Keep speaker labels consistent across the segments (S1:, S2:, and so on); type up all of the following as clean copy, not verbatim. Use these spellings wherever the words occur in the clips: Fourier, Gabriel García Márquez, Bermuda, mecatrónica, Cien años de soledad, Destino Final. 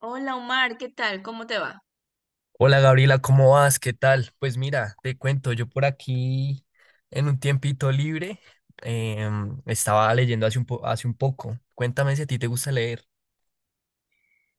S1: Hola Omar, ¿qué tal? ¿Cómo te va?
S2: Hola Gabriela, ¿cómo vas? ¿Qué tal? Pues mira, te cuento, yo por aquí en un tiempito libre estaba leyendo hace un poco. Cuéntame si a ti te gusta leer.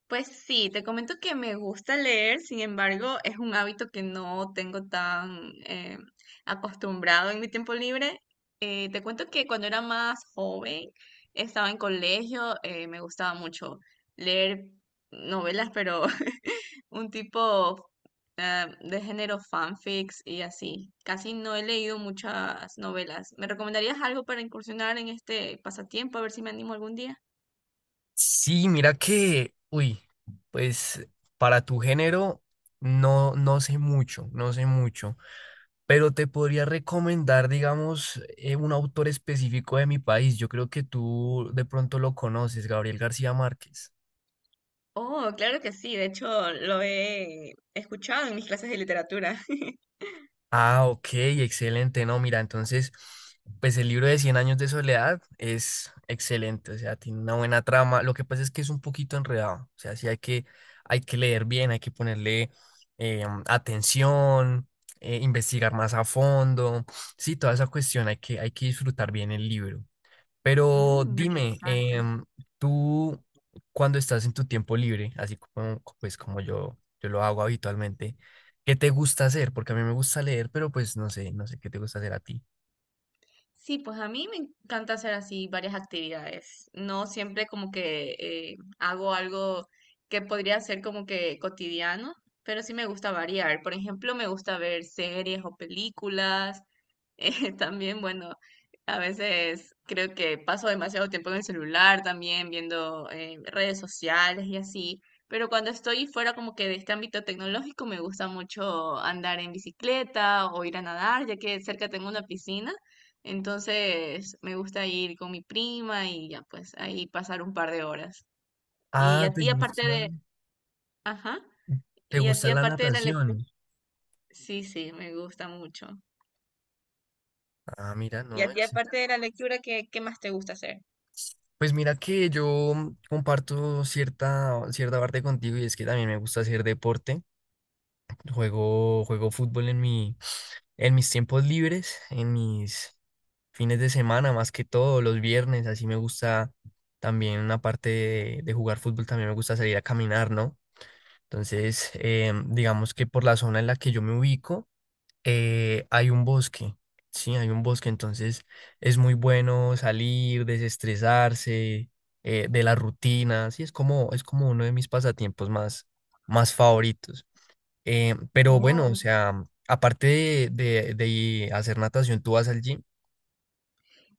S1: Pues sí, te comento que me gusta leer, sin embargo, es un hábito que no tengo tan acostumbrado en mi tiempo libre. Te cuento que cuando era más joven, estaba en colegio, me gustaba mucho leer novelas, pero un tipo de género fanfics y así. Casi no he leído muchas novelas. ¿Me recomendarías algo para incursionar en este pasatiempo? A ver si me animo algún día.
S2: Sí, mira que, uy, pues para tu género no sé mucho, no sé mucho, pero te podría recomendar, digamos, un autor específico de mi país. Yo creo que tú de pronto lo conoces, Gabriel García Márquez.
S1: Oh, claro que sí, de hecho lo he escuchado en mis clases de literatura.
S2: Ah, ok, excelente. No, mira, entonces, pues el libro de Cien años de soledad es excelente, o sea, tiene una buena trama. Lo que pasa es que es un poquito enredado, o sea, sí hay que leer bien, hay que ponerle atención, investigar más a fondo, sí, toda esa cuestión, hay que disfrutar bien el libro. Pero
S1: Mm,
S2: dime,
S1: interesante.
S2: tú cuando estás en tu tiempo libre, así como, pues, como yo lo hago habitualmente, ¿qué te gusta hacer? Porque a mí me gusta leer, pero pues no sé, no sé qué te gusta hacer a ti.
S1: Sí, pues a mí me encanta hacer así varias actividades. No siempre como que hago algo que podría ser como que cotidiano, pero sí me gusta variar. Por ejemplo, me gusta ver series o películas. También, bueno, a veces creo que paso demasiado tiempo en el celular también viendo redes sociales y así. Pero cuando estoy fuera como que de este ámbito tecnológico, me gusta mucho andar en bicicleta o ir a nadar, ya que cerca tengo una piscina. Entonces me gusta ir con mi prima y ya pues ahí pasar un par de horas. Y
S2: Ah,
S1: a
S2: ¿te
S1: ti aparte
S2: gusta?
S1: de, ajá,
S2: ¿Te
S1: y a
S2: gusta
S1: ti
S2: la
S1: aparte de la lectura,
S2: natación?
S1: sí, sí, me gusta mucho.
S2: Ah, mira,
S1: Y a
S2: no,
S1: ti
S2: ex-
S1: aparte de la lectura, ¿qué, qué más te gusta hacer?
S2: Pues mira que yo comparto cierta, cierta parte contigo y es que también me gusta hacer deporte. Juego, juego fútbol en mi, en mis tiempos libres, en mis, fines de semana, más que todo, los viernes, así me gusta también, aparte de jugar fútbol, también me gusta salir a caminar, ¿no? Entonces, digamos que por la zona en la que yo me ubico, hay un bosque, sí, hay un bosque, entonces es muy bueno salir, desestresarse, de la rutina, sí, es como uno de mis pasatiempos más, más favoritos. Pero bueno, o
S1: Oh.
S2: sea, aparte de, de hacer natación, ¿tú vas al gym?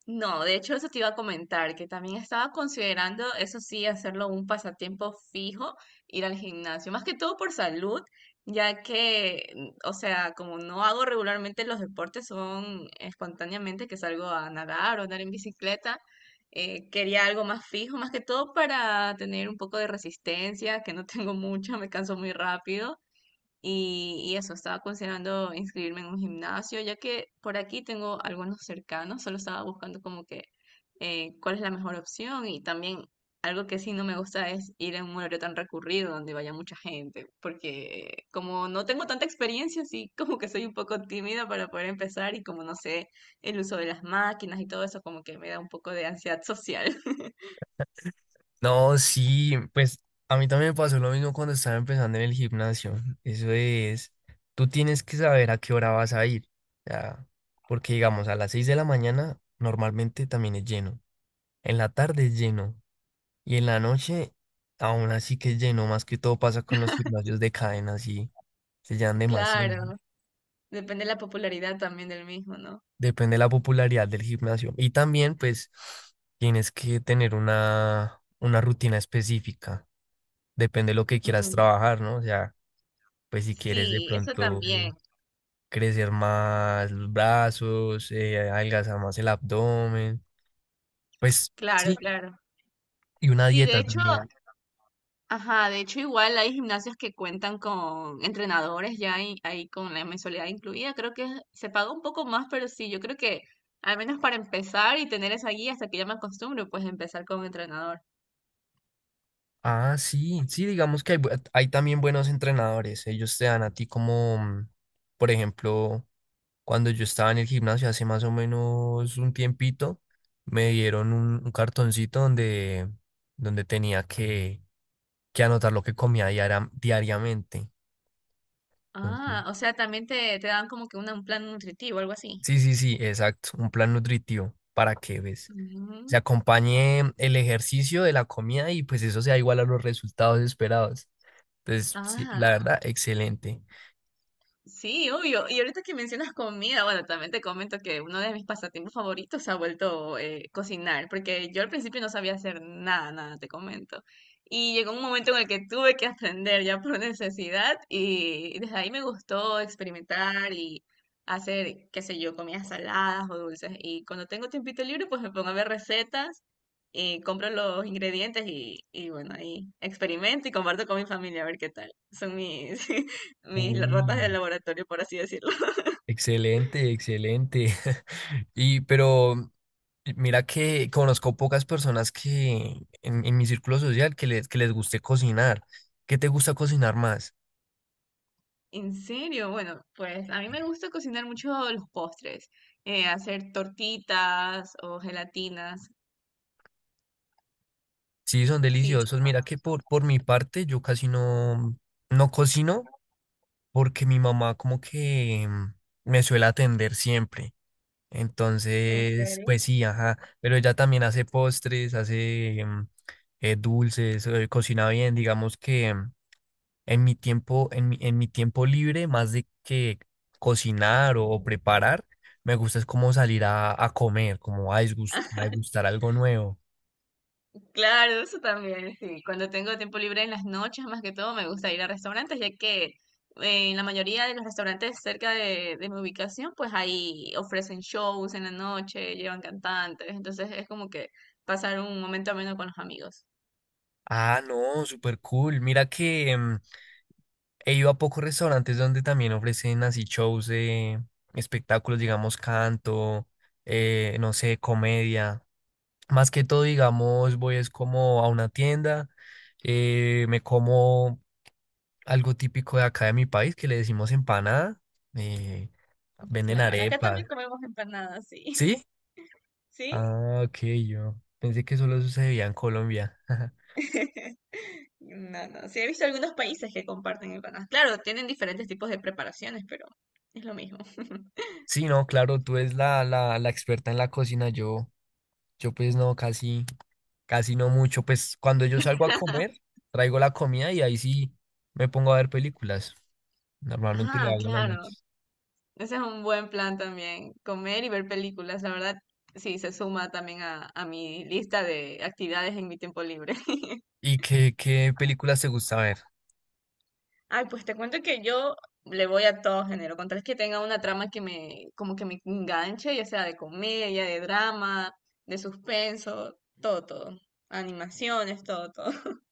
S1: No, de hecho eso te iba a comentar, que también estaba considerando, eso sí, hacerlo un pasatiempo fijo, ir al gimnasio, más que todo por salud, ya que, mm, o sea, como no hago regularmente los deportes, son espontáneamente que salgo a nadar o andar en bicicleta, quería algo más fijo, más que todo para tener un poco de resistencia, que no tengo mucha, me canso muy rápido y eso, estaba considerando inscribirme en un gimnasio, ya que por aquí tengo algunos cercanos, solo estaba buscando como que cuál es la mejor opción y también algo que sí no me gusta es ir en un horario tan recurrido donde vaya mucha gente, porque como no tengo tanta experiencia, sí como que soy un poco tímida para poder empezar y como no sé el uso de las máquinas y todo eso como que me da un poco de ansiedad social.
S2: No, sí, pues a mí también me pasó lo mismo cuando estaba empezando en el gimnasio. Eso es, tú tienes que saber a qué hora vas a ir. Ya, porque digamos, a las 6 de la mañana normalmente también es lleno. En la tarde es lleno. Y en la noche aún así que es lleno. Más que todo pasa con los gimnasios de cadena, sí. Se llenan demasiado.
S1: Claro, depende de la popularidad también del mismo, ¿no?
S2: Depende de la popularidad del gimnasio. Y también, pues, tienes que tener una rutina específica. Depende de lo que quieras
S1: Mm,
S2: trabajar, ¿no? O sea, pues si quieres de
S1: sí, eso
S2: pronto
S1: también.
S2: crecer más los brazos, adelgazar más el abdomen, pues
S1: Claro,
S2: sí,
S1: claro.
S2: y una
S1: Sí, de
S2: dieta
S1: hecho,
S2: también.
S1: ajá, de hecho igual hay gimnasios que cuentan con entrenadores ya ahí, ahí con la mensualidad incluida. Creo que se paga un poco más, pero sí, yo creo que al menos para empezar y tener esa guía hasta que ya me acostumbro, pues empezar con entrenador.
S2: Ah, sí, sí, digamos que hay, bu- hay también buenos entrenadores. Ellos te dan a ti como, por ejemplo, cuando yo estaba en el gimnasio hace más o menos un tiempito, me dieron un cartoncito donde, donde tenía que anotar lo que comía diariamente. Entonces,
S1: Ah, o sea, también te dan como que una- un plan nutritivo, algo así.
S2: sí, sí, sí, exacto, un plan nutritivo para que ves
S1: Mm,
S2: se acompañe el ejercicio de la comida y pues eso sea igual a los resultados esperados. Entonces, sí,
S1: ah,
S2: la verdad, excelente.
S1: sí, obvio. Y ahorita que mencionas comida, bueno, también te comento que uno de mis pasatiempos favoritos se ha vuelto cocinar, porque yo al principio no sabía hacer nada, nada, te comento. Y llegó un momento en el que tuve que aprender ya por necesidad y desde ahí me gustó experimentar y hacer, qué sé yo, comidas saladas o dulces. Y cuando tengo tiempito libre, pues me pongo a ver recetas y compro los ingredientes y bueno, ahí experimento y comparto con mi familia a ver qué tal. Son mis, mis ratas de
S2: Uy,
S1: laboratorio, por así decirlo.
S2: excelente, excelente. Y pero mira que conozco pocas personas que en mi círculo social que les guste cocinar. ¿Qué te gusta cocinar más?
S1: En serio, bueno, pues a mí me gusta cocinar mucho los postres, hacer tortitas o gelatinas,
S2: Sí, son
S1: sí.
S2: deliciosos. Mira que por mi parte yo casi no, no cocino porque mi mamá como que me suele atender siempre.
S1: ¿En
S2: Entonces,
S1: serio?
S2: pues sí, ajá. Pero ella también hace postres, hace dulces, cocina bien. Digamos que en mi tiempo libre, más de que cocinar o preparar, me gusta es como salir a comer, como a a degustar algo nuevo.
S1: Claro, eso también, sí. Cuando tengo tiempo libre en las noches, más que todo, me gusta ir a restaurantes, ya que en la mayoría de los restaurantes cerca de mi ubicación, pues ahí ofrecen shows en la noche, llevan cantantes, entonces es como que pasar un momento ameno con los amigos.
S2: Ah, no, súper cool. Mira que... he ido a pocos restaurantes donde también ofrecen así shows de espectáculos, digamos, canto, no sé, comedia. Más que todo, digamos, voy es como a una tienda, me como algo típico de acá de mi país, que le decimos empanada, eh, venden
S1: Claro, acá
S2: arepas,
S1: también comemos empanadas, sí.
S2: ¿sí?
S1: ¿Sí?
S2: Ah, ok, yo pensé que solo sucedía en Colombia.
S1: No, no. Sí, he visto algunos países que comparten empanadas. Claro, tienen diferentes tipos de preparaciones, pero es lo mismo.
S2: Sí, no, claro, tú eres la, la, la experta en la cocina, yo. Yo pues no, casi, casi no mucho. Pues cuando yo salgo a comer, traigo la comida y ahí sí me pongo a ver películas. Normalmente lo
S1: Ah,
S2: hago en la
S1: claro.
S2: noche.
S1: Ese es un buen plan también. Comer y ver películas. La verdad, sí, se suma también a mi lista de actividades en mi tiempo libre.
S2: ¿Y qué, qué películas te gusta ver?
S1: Ay, pues te cuento que yo le voy a todo género. Con tal que tenga una trama que me, como que me enganche, ya sea de comedia, de drama, de suspenso, todo, todo. Animaciones, todo, todo.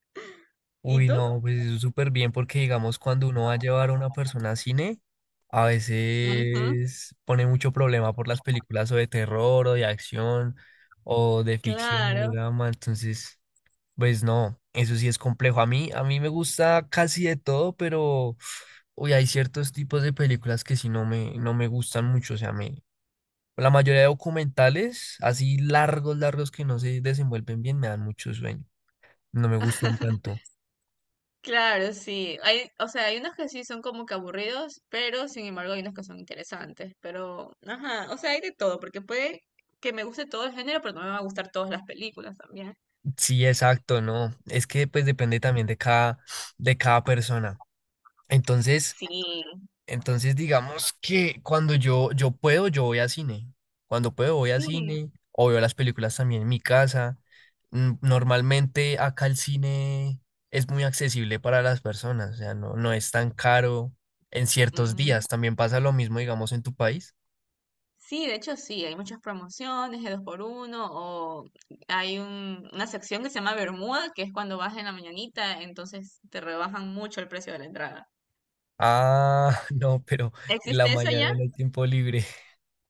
S1: ¿Y
S2: Uy,
S1: tú?
S2: no, pues súper bien porque digamos cuando uno va a llevar a una persona a cine, a
S1: Ujú,
S2: veces pone mucho problema por las películas o de terror o de acción o de ficción o de
S1: claro,
S2: drama, entonces, pues no, eso sí es complejo. A mí me gusta casi de todo, pero uy, hay ciertos tipos de películas que sí no me, no me gustan mucho, o sea, me, la mayoría de documentales, así largos, largos que no se desenvuelven bien, me dan mucho sueño. No me gustan tanto.
S1: claro, sí. Hay, o sea, hay unos que sí son como que aburridos, pero sin embargo hay unos que son interesantes. Pero, ajá, o sea, hay de todo, porque puede que me guste todo el género, pero no me va a gustar todas las películas también.
S2: Sí, exacto, no. Es que pues depende también de cada persona. Entonces,
S1: Sí,
S2: entonces, digamos que cuando yo puedo, yo voy a cine. Cuando puedo, voy a
S1: sí.
S2: cine o veo las películas también en mi casa. Normalmente acá el cine es muy accesible para las personas, o sea, no, no es tan caro en ciertos días.
S1: Ujú.
S2: También pasa lo mismo, digamos, en tu país.
S1: Sí, de hecho sí, hay muchas promociones de dos por uno, o hay una sección que se llama Bermuda, que es cuando vas en la mañanita, entonces te rebajan mucho el precio de la entrada.
S2: Ah, no, pero en la
S1: ¿Existe eso?
S2: mañana no hay tiempo libre.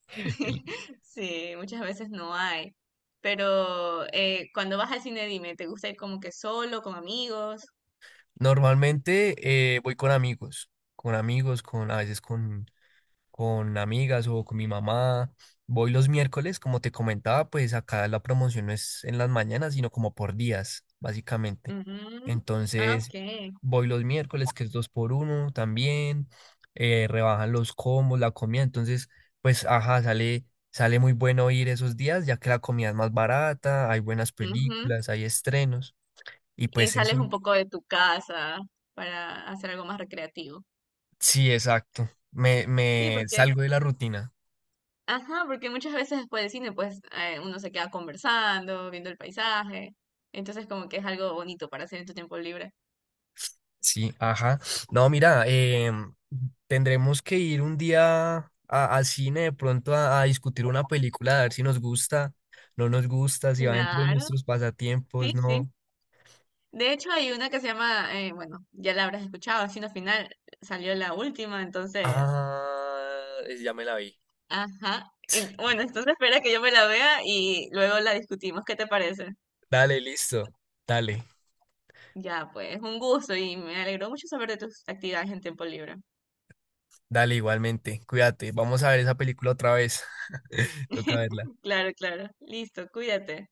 S2: El-
S1: Sí, muchas veces no hay. Pero cuando vas al cine, dime, ¿te gusta ir como que solo, con amigos?
S2: normalmente voy con amigos, con amigos, con a veces con amigas o con mi mamá. Voy los miércoles, como te comentaba, pues acá la promoción no es en las mañanas, sino como por días, básicamente.
S1: Ujú. Ah,
S2: Entonces,
S1: ok.
S2: voy los miércoles, que es dos por uno también, rebajan los combos, la comida. Entonces, pues, ajá, sale, sale muy bueno ir esos días, ya que la comida es más barata, hay buenas
S1: Ujú.
S2: películas, hay estrenos, y
S1: Y
S2: pues eso,
S1: sales un poco de tu casa para hacer algo más recreativo.
S2: sí, exacto. Me,
S1: Sí,
S2: me
S1: porque,
S2: salgo de la rutina.
S1: ajá, porque muchas veces después del cine, pues uno se queda conversando, viendo el paisaje. Entonces, como que es algo bonito para hacer en tu tiempo libre.
S2: Sí, ajá. No, mira, tendremos que ir un día a- al cine de pronto a discutir una película, a ver si nos gusta, no nos gusta, si va dentro de
S1: Claro,
S2: nuestros pasatiempos,
S1: sí, sí.
S2: no.
S1: De hecho, hay una que se llama, bueno, ya la habrás escuchado, Destino Final, salió la última, entonces,
S2: Ah, ya me la vi.
S1: ajá. Bueno, entonces espera que yo me la vea y luego la discutimos, ¿qué te parece?
S2: Dale, listo. Dale,
S1: Ya, pues, un gusto y me alegró mucho saber de tus actividades en tiempo libre.
S2: dale igualmente. Cuídate. Vamos a ver esa película otra vez. Toca verla.
S1: Claro, claro. Listo, cuídate.